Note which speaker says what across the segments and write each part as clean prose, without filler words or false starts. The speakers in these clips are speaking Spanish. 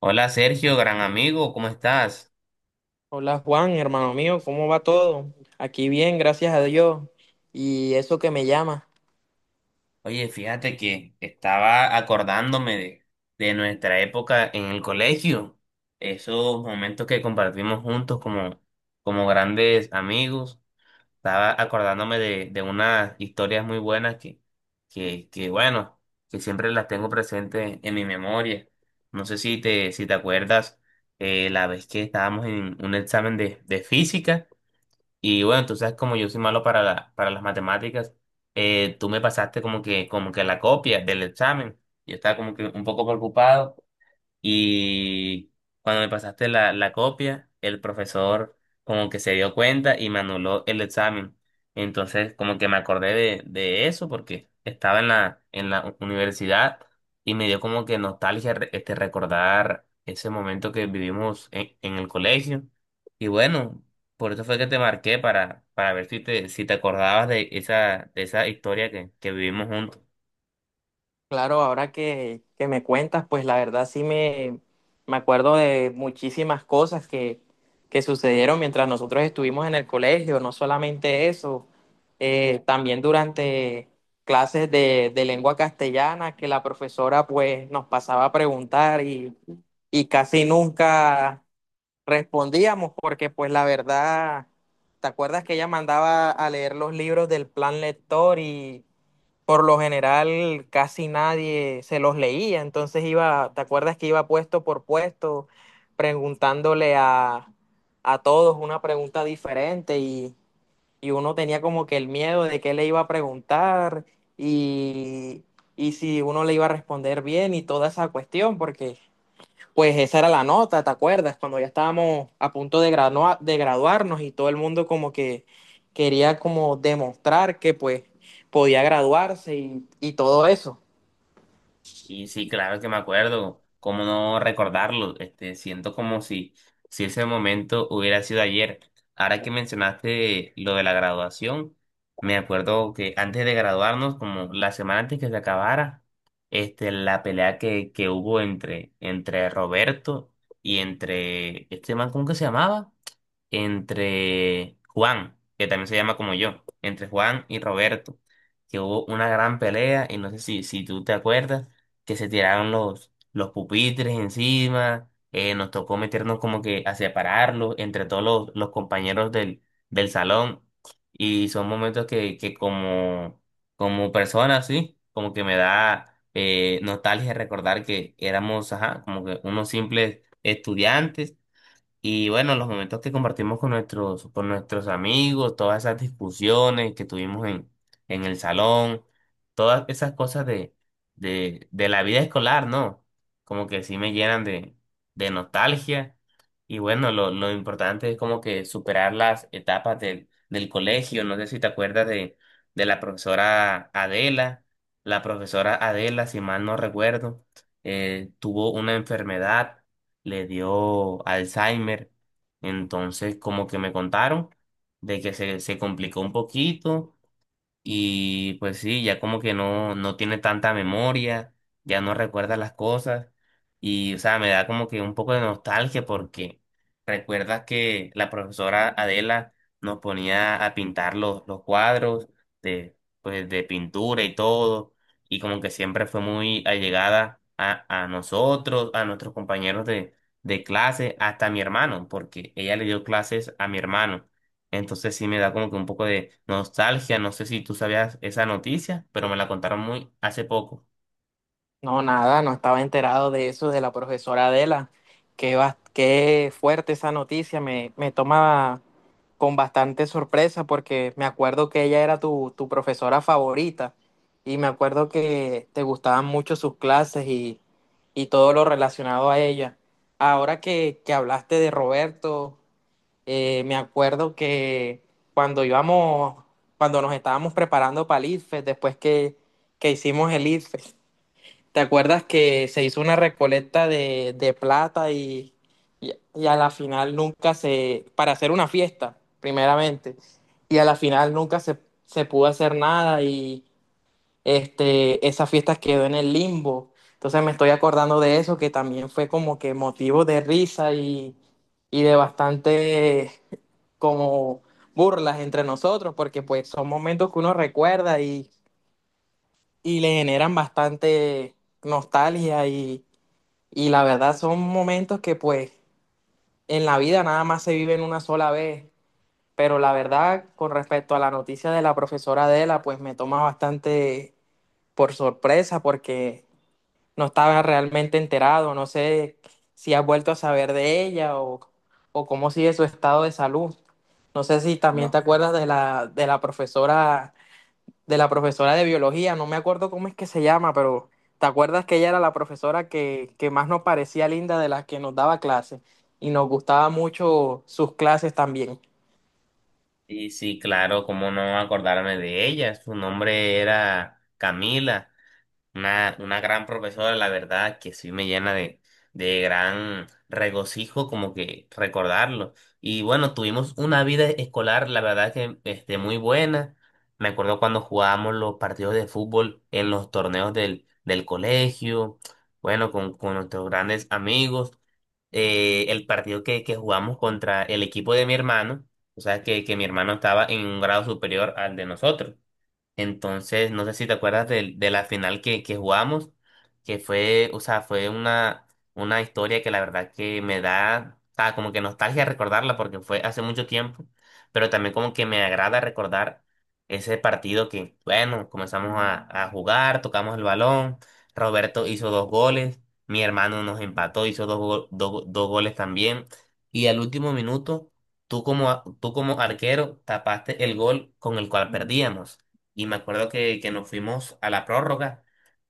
Speaker 1: Hola Sergio, gran amigo, ¿cómo estás?
Speaker 2: Hola Juan, hermano mío, ¿cómo va todo? Aquí bien, gracias a Dios. Y eso que me llama.
Speaker 1: Oye, fíjate que estaba acordándome de nuestra época en el colegio, esos momentos que compartimos juntos como grandes amigos. Estaba acordándome de unas historias muy buenas bueno, que siempre las tengo presentes en mi memoria. No sé si si te acuerdas la vez que estábamos en un examen de física. Y bueno, entonces como yo soy malo para para las matemáticas, tú me pasaste como que la copia del examen. Yo estaba como que un poco preocupado y cuando me pasaste la copia, el profesor como que se dio cuenta y me anuló el examen. Entonces como que me acordé de eso porque estaba en en la universidad y me dio como que nostalgia este, recordar ese momento que vivimos en el colegio. Y bueno, por eso fue que te marqué para ver si si te acordabas de de esa historia que vivimos juntos.
Speaker 2: Claro, ahora que me cuentas, pues la verdad me acuerdo de muchísimas cosas que sucedieron mientras nosotros estuvimos en el colegio, no solamente eso, también durante clases de lengua castellana que la profesora pues nos pasaba a preguntar y casi nunca respondíamos porque pues la verdad, ¿te acuerdas que ella mandaba a leer los libros del plan lector y por lo general casi nadie se los leía? Entonces iba, ¿te acuerdas que iba puesto por puesto preguntándole a todos una pregunta diferente y uno tenía como que el miedo de qué le iba a preguntar y, y si uno le iba a responder bien y toda esa cuestión porque pues esa era la nota, ¿te acuerdas? Cuando ya estábamos a punto de graduarnos y todo el mundo como que quería como demostrar que pues podía graduarse y todo eso.
Speaker 1: Y sí, claro que me acuerdo, cómo no recordarlo, este, siento como si, si ese momento hubiera sido ayer. Ahora que mencionaste lo de la graduación, me acuerdo que antes de graduarnos, como la semana antes que se acabara, este, la pelea que hubo entre, entre Roberto y entre este man, ¿cómo que se llamaba? Entre Juan, que también se llama como yo, entre Juan y Roberto, que hubo una gran pelea, y no sé si, si tú te acuerdas, que se tiraron los pupitres encima, nos tocó meternos como que a separarlos entre todos los compañeros del salón, y son momentos que como, como persona, sí, como que me da... nostalgia recordar que éramos, ajá, como que unos simples estudiantes y bueno, los momentos que compartimos con nuestros amigos, todas esas discusiones que tuvimos en el salón, todas esas cosas de la vida escolar, ¿no? Como que sí me llenan de nostalgia. Y bueno, lo importante es como que superar las etapas del colegio. No sé si te acuerdas de la profesora Adela. La profesora Adela, si mal no recuerdo, tuvo una enfermedad, le dio Alzheimer. Entonces, como que me contaron de que se complicó un poquito y pues sí, ya como que no, no tiene tanta memoria, ya no recuerda las cosas. Y, o sea, me da como que un poco de nostalgia porque recuerdas que la profesora Adela nos ponía a pintar los cuadros de, pues, de pintura y todo. Y como que siempre fue muy allegada a nosotros, a nuestros compañeros de clase, hasta a mi hermano, porque ella le dio clases a mi hermano. Entonces sí me da como que un poco de nostalgia. No sé si tú sabías esa noticia, pero me la contaron muy hace poco.
Speaker 2: No, nada, no estaba enterado de eso, de la profesora Adela. Qué fuerte esa noticia, me toma con bastante sorpresa porque me acuerdo que ella era tu profesora favorita y me acuerdo que te gustaban mucho sus clases y todo lo relacionado a ella. Ahora que hablaste de Roberto, me acuerdo que cuando íbamos, cuando nos estábamos preparando para el IFES, después que hicimos el IFES. ¿Te acuerdas que se hizo una recolecta de plata y a la final nunca se, para hacer una fiesta, primeramente, y a la final nunca se, se pudo hacer nada y este, esa fiesta quedó en el limbo? Entonces me estoy acordando de eso, que también fue como que motivo de risa y de bastante como burlas entre nosotros, porque pues son momentos que uno recuerda y le generan bastante nostalgia y la verdad son momentos que pues en la vida nada más se viven una sola vez. Pero la verdad, con respecto a la noticia de la profesora Adela, pues me toma bastante por sorpresa porque no estaba realmente enterado. No sé si has vuelto a saber de ella o cómo sigue su estado de salud. No sé si también te acuerdas de la profesora de la profesora de biología, no me acuerdo cómo es que se llama, pero ¿te acuerdas que ella era la profesora que más nos parecía linda de las que nos daba clases? Y nos gustaba mucho sus clases también.
Speaker 1: Y sí, claro, cómo no acordarme de ella. Su nombre era Camila. Una gran profesora, la verdad, que sí me llena de gran regocijo como que recordarlo. Y bueno, tuvimos una vida escolar, la verdad que este, muy buena. Me acuerdo cuando jugábamos los partidos de fútbol en los torneos del colegio, bueno, con nuestros grandes amigos. El partido que jugamos contra el equipo de mi hermano, o sea, que mi hermano estaba en un grado superior al de nosotros. Entonces, no sé si te acuerdas de la final que jugamos, que fue, o sea, fue una historia que la verdad que me da, ah, como que nostalgia recordarla porque fue hace mucho tiempo, pero también como que me agrada recordar ese partido que, bueno, comenzamos a jugar, tocamos el balón, Roberto hizo dos goles, mi hermano nos empató, hizo dos goles también, y al último minuto, tú como arquero tapaste el gol con el cual perdíamos y me acuerdo que nos fuimos a la prórroga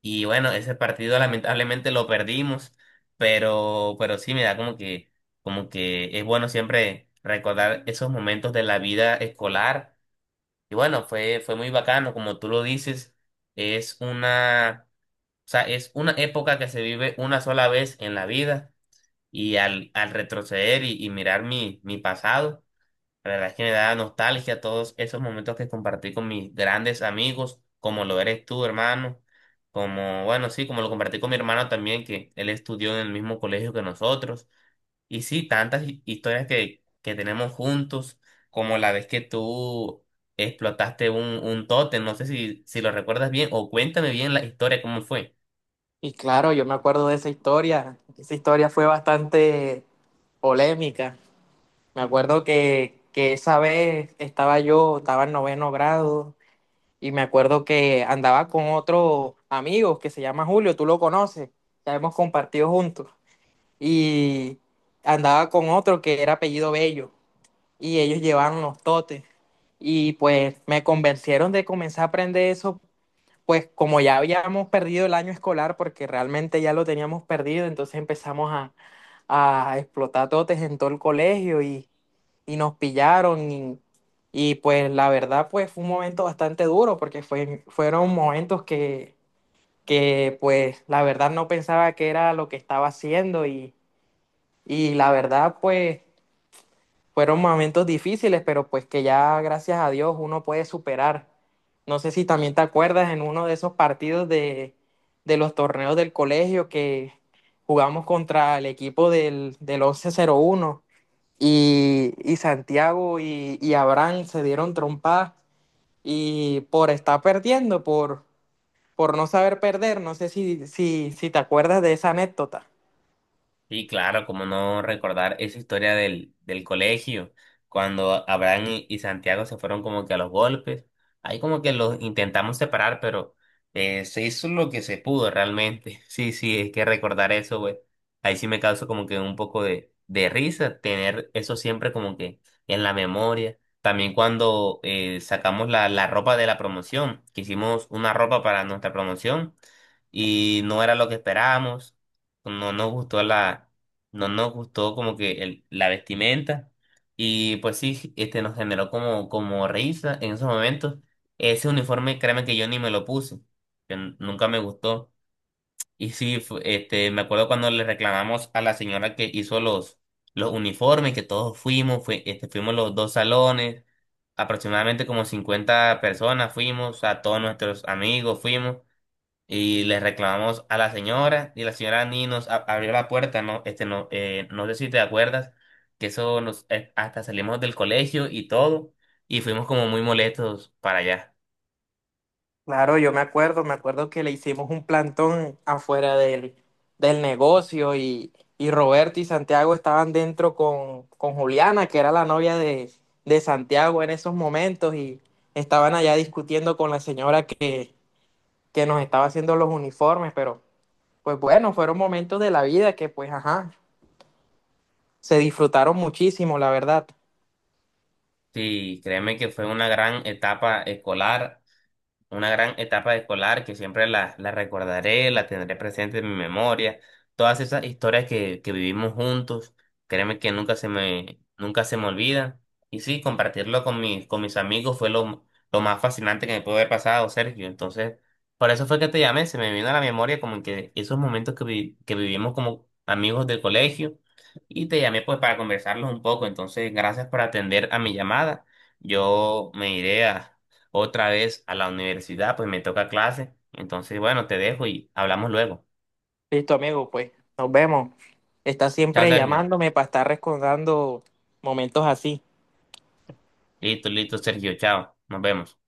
Speaker 1: y bueno, ese partido lamentablemente lo perdimos, pero sí me da como que es bueno siempre recordar esos momentos de la vida escolar y bueno, fue, fue muy bacano, como tú lo dices, es una, o sea, es una época que se vive una sola vez en la vida y al, al retroceder y mirar mi, mi pasado. La verdad es que me da nostalgia todos esos momentos que compartí con mis grandes amigos, como lo eres tú, hermano, como, bueno, sí, como lo compartí con mi hermano también, que él estudió en el mismo colegio que nosotros. Y sí, tantas historias que tenemos juntos, como la vez que tú explotaste un tótem, no sé si, si lo recuerdas bien, o cuéntame bien la historia, cómo fue.
Speaker 2: Y claro, yo me acuerdo de esa historia. Esa historia fue bastante polémica. Me acuerdo que esa vez estaba en noveno grado, y me acuerdo que andaba con otro amigo que se llama Julio, tú lo conoces, ya hemos compartido juntos. Y andaba con otro que era apellido Bello y ellos llevaban los totes y pues me convencieron de comenzar a aprender eso, pues como ya habíamos perdido el año escolar porque realmente ya lo teníamos perdido, entonces empezamos a explotar totes en todo el colegio y nos pillaron y, pues la verdad pues fue un momento bastante duro porque fueron momentos que pues la verdad no pensaba que era lo que estaba haciendo y la verdad, pues fueron momentos difíciles, pero pues que ya gracias a Dios uno puede superar. No sé si también te acuerdas en uno de esos partidos de los torneos del colegio que jugamos contra el equipo del once cero uno y Santiago y Abraham se dieron trompadas y por estar perdiendo, por no saber perder, no sé si te acuerdas de esa anécdota.
Speaker 1: Sí, claro, como no recordar esa historia del colegio, cuando Abraham y Santiago se fueron como que a los golpes. Ahí como que los intentamos separar, pero se hizo lo que se pudo realmente. Sí, sí, es que recordar eso, güey. Ahí sí me causa como que un poco de risa tener eso siempre como que en la memoria. También cuando sacamos la ropa de la promoción, que hicimos una ropa para nuestra promoción y no era lo que esperábamos, no nos gustó no nos gustó como que la vestimenta y pues sí, este nos generó como, como risa en esos momentos. Ese uniforme, créeme que yo ni me lo puse, que nunca me gustó. Y sí, este, me acuerdo cuando le reclamamos a la señora que hizo los uniformes, que todos fuimos, fue, este, fuimos los dos salones, aproximadamente como 50 personas fuimos, a todos nuestros amigos fuimos. Y le reclamamos a la señora y la señora ni nos abrió la puerta, ¿no? Este, no, no sé si te acuerdas, que eso nos, hasta salimos del colegio y todo, y fuimos como muy molestos para allá.
Speaker 2: Claro, yo me acuerdo que le hicimos un plantón afuera del negocio y Roberto y Santiago estaban dentro con Juliana, que era la novia de Santiago en esos momentos, y estaban allá discutiendo con la señora que nos estaba haciendo los uniformes, pero pues bueno, fueron momentos de la vida que pues ajá, se disfrutaron muchísimo, la verdad.
Speaker 1: Sí, créeme que fue una gran etapa escolar. Una gran etapa escolar que siempre la recordaré, la tendré presente en mi memoria. Todas esas historias que vivimos juntos, créeme que nunca se me, nunca se me olvidan. Y sí, compartirlo con mis amigos fue lo más fascinante que me pudo haber pasado, Sergio. Entonces, por eso fue que te llamé, se me vino a la memoria como que esos momentos que vivimos como amigos del colegio. Y te llamé pues para conversarlos un poco. Entonces, gracias por atender a mi llamada. Yo me iré a otra vez a la universidad, pues me toca clase. Entonces, bueno, te dejo y hablamos luego.
Speaker 2: Listo, amigo, pues nos vemos. Está
Speaker 1: Chao,
Speaker 2: siempre
Speaker 1: Sergio.
Speaker 2: llamándome para estar recordando momentos así.
Speaker 1: Listo, listo, Sergio. Chao. Nos vemos.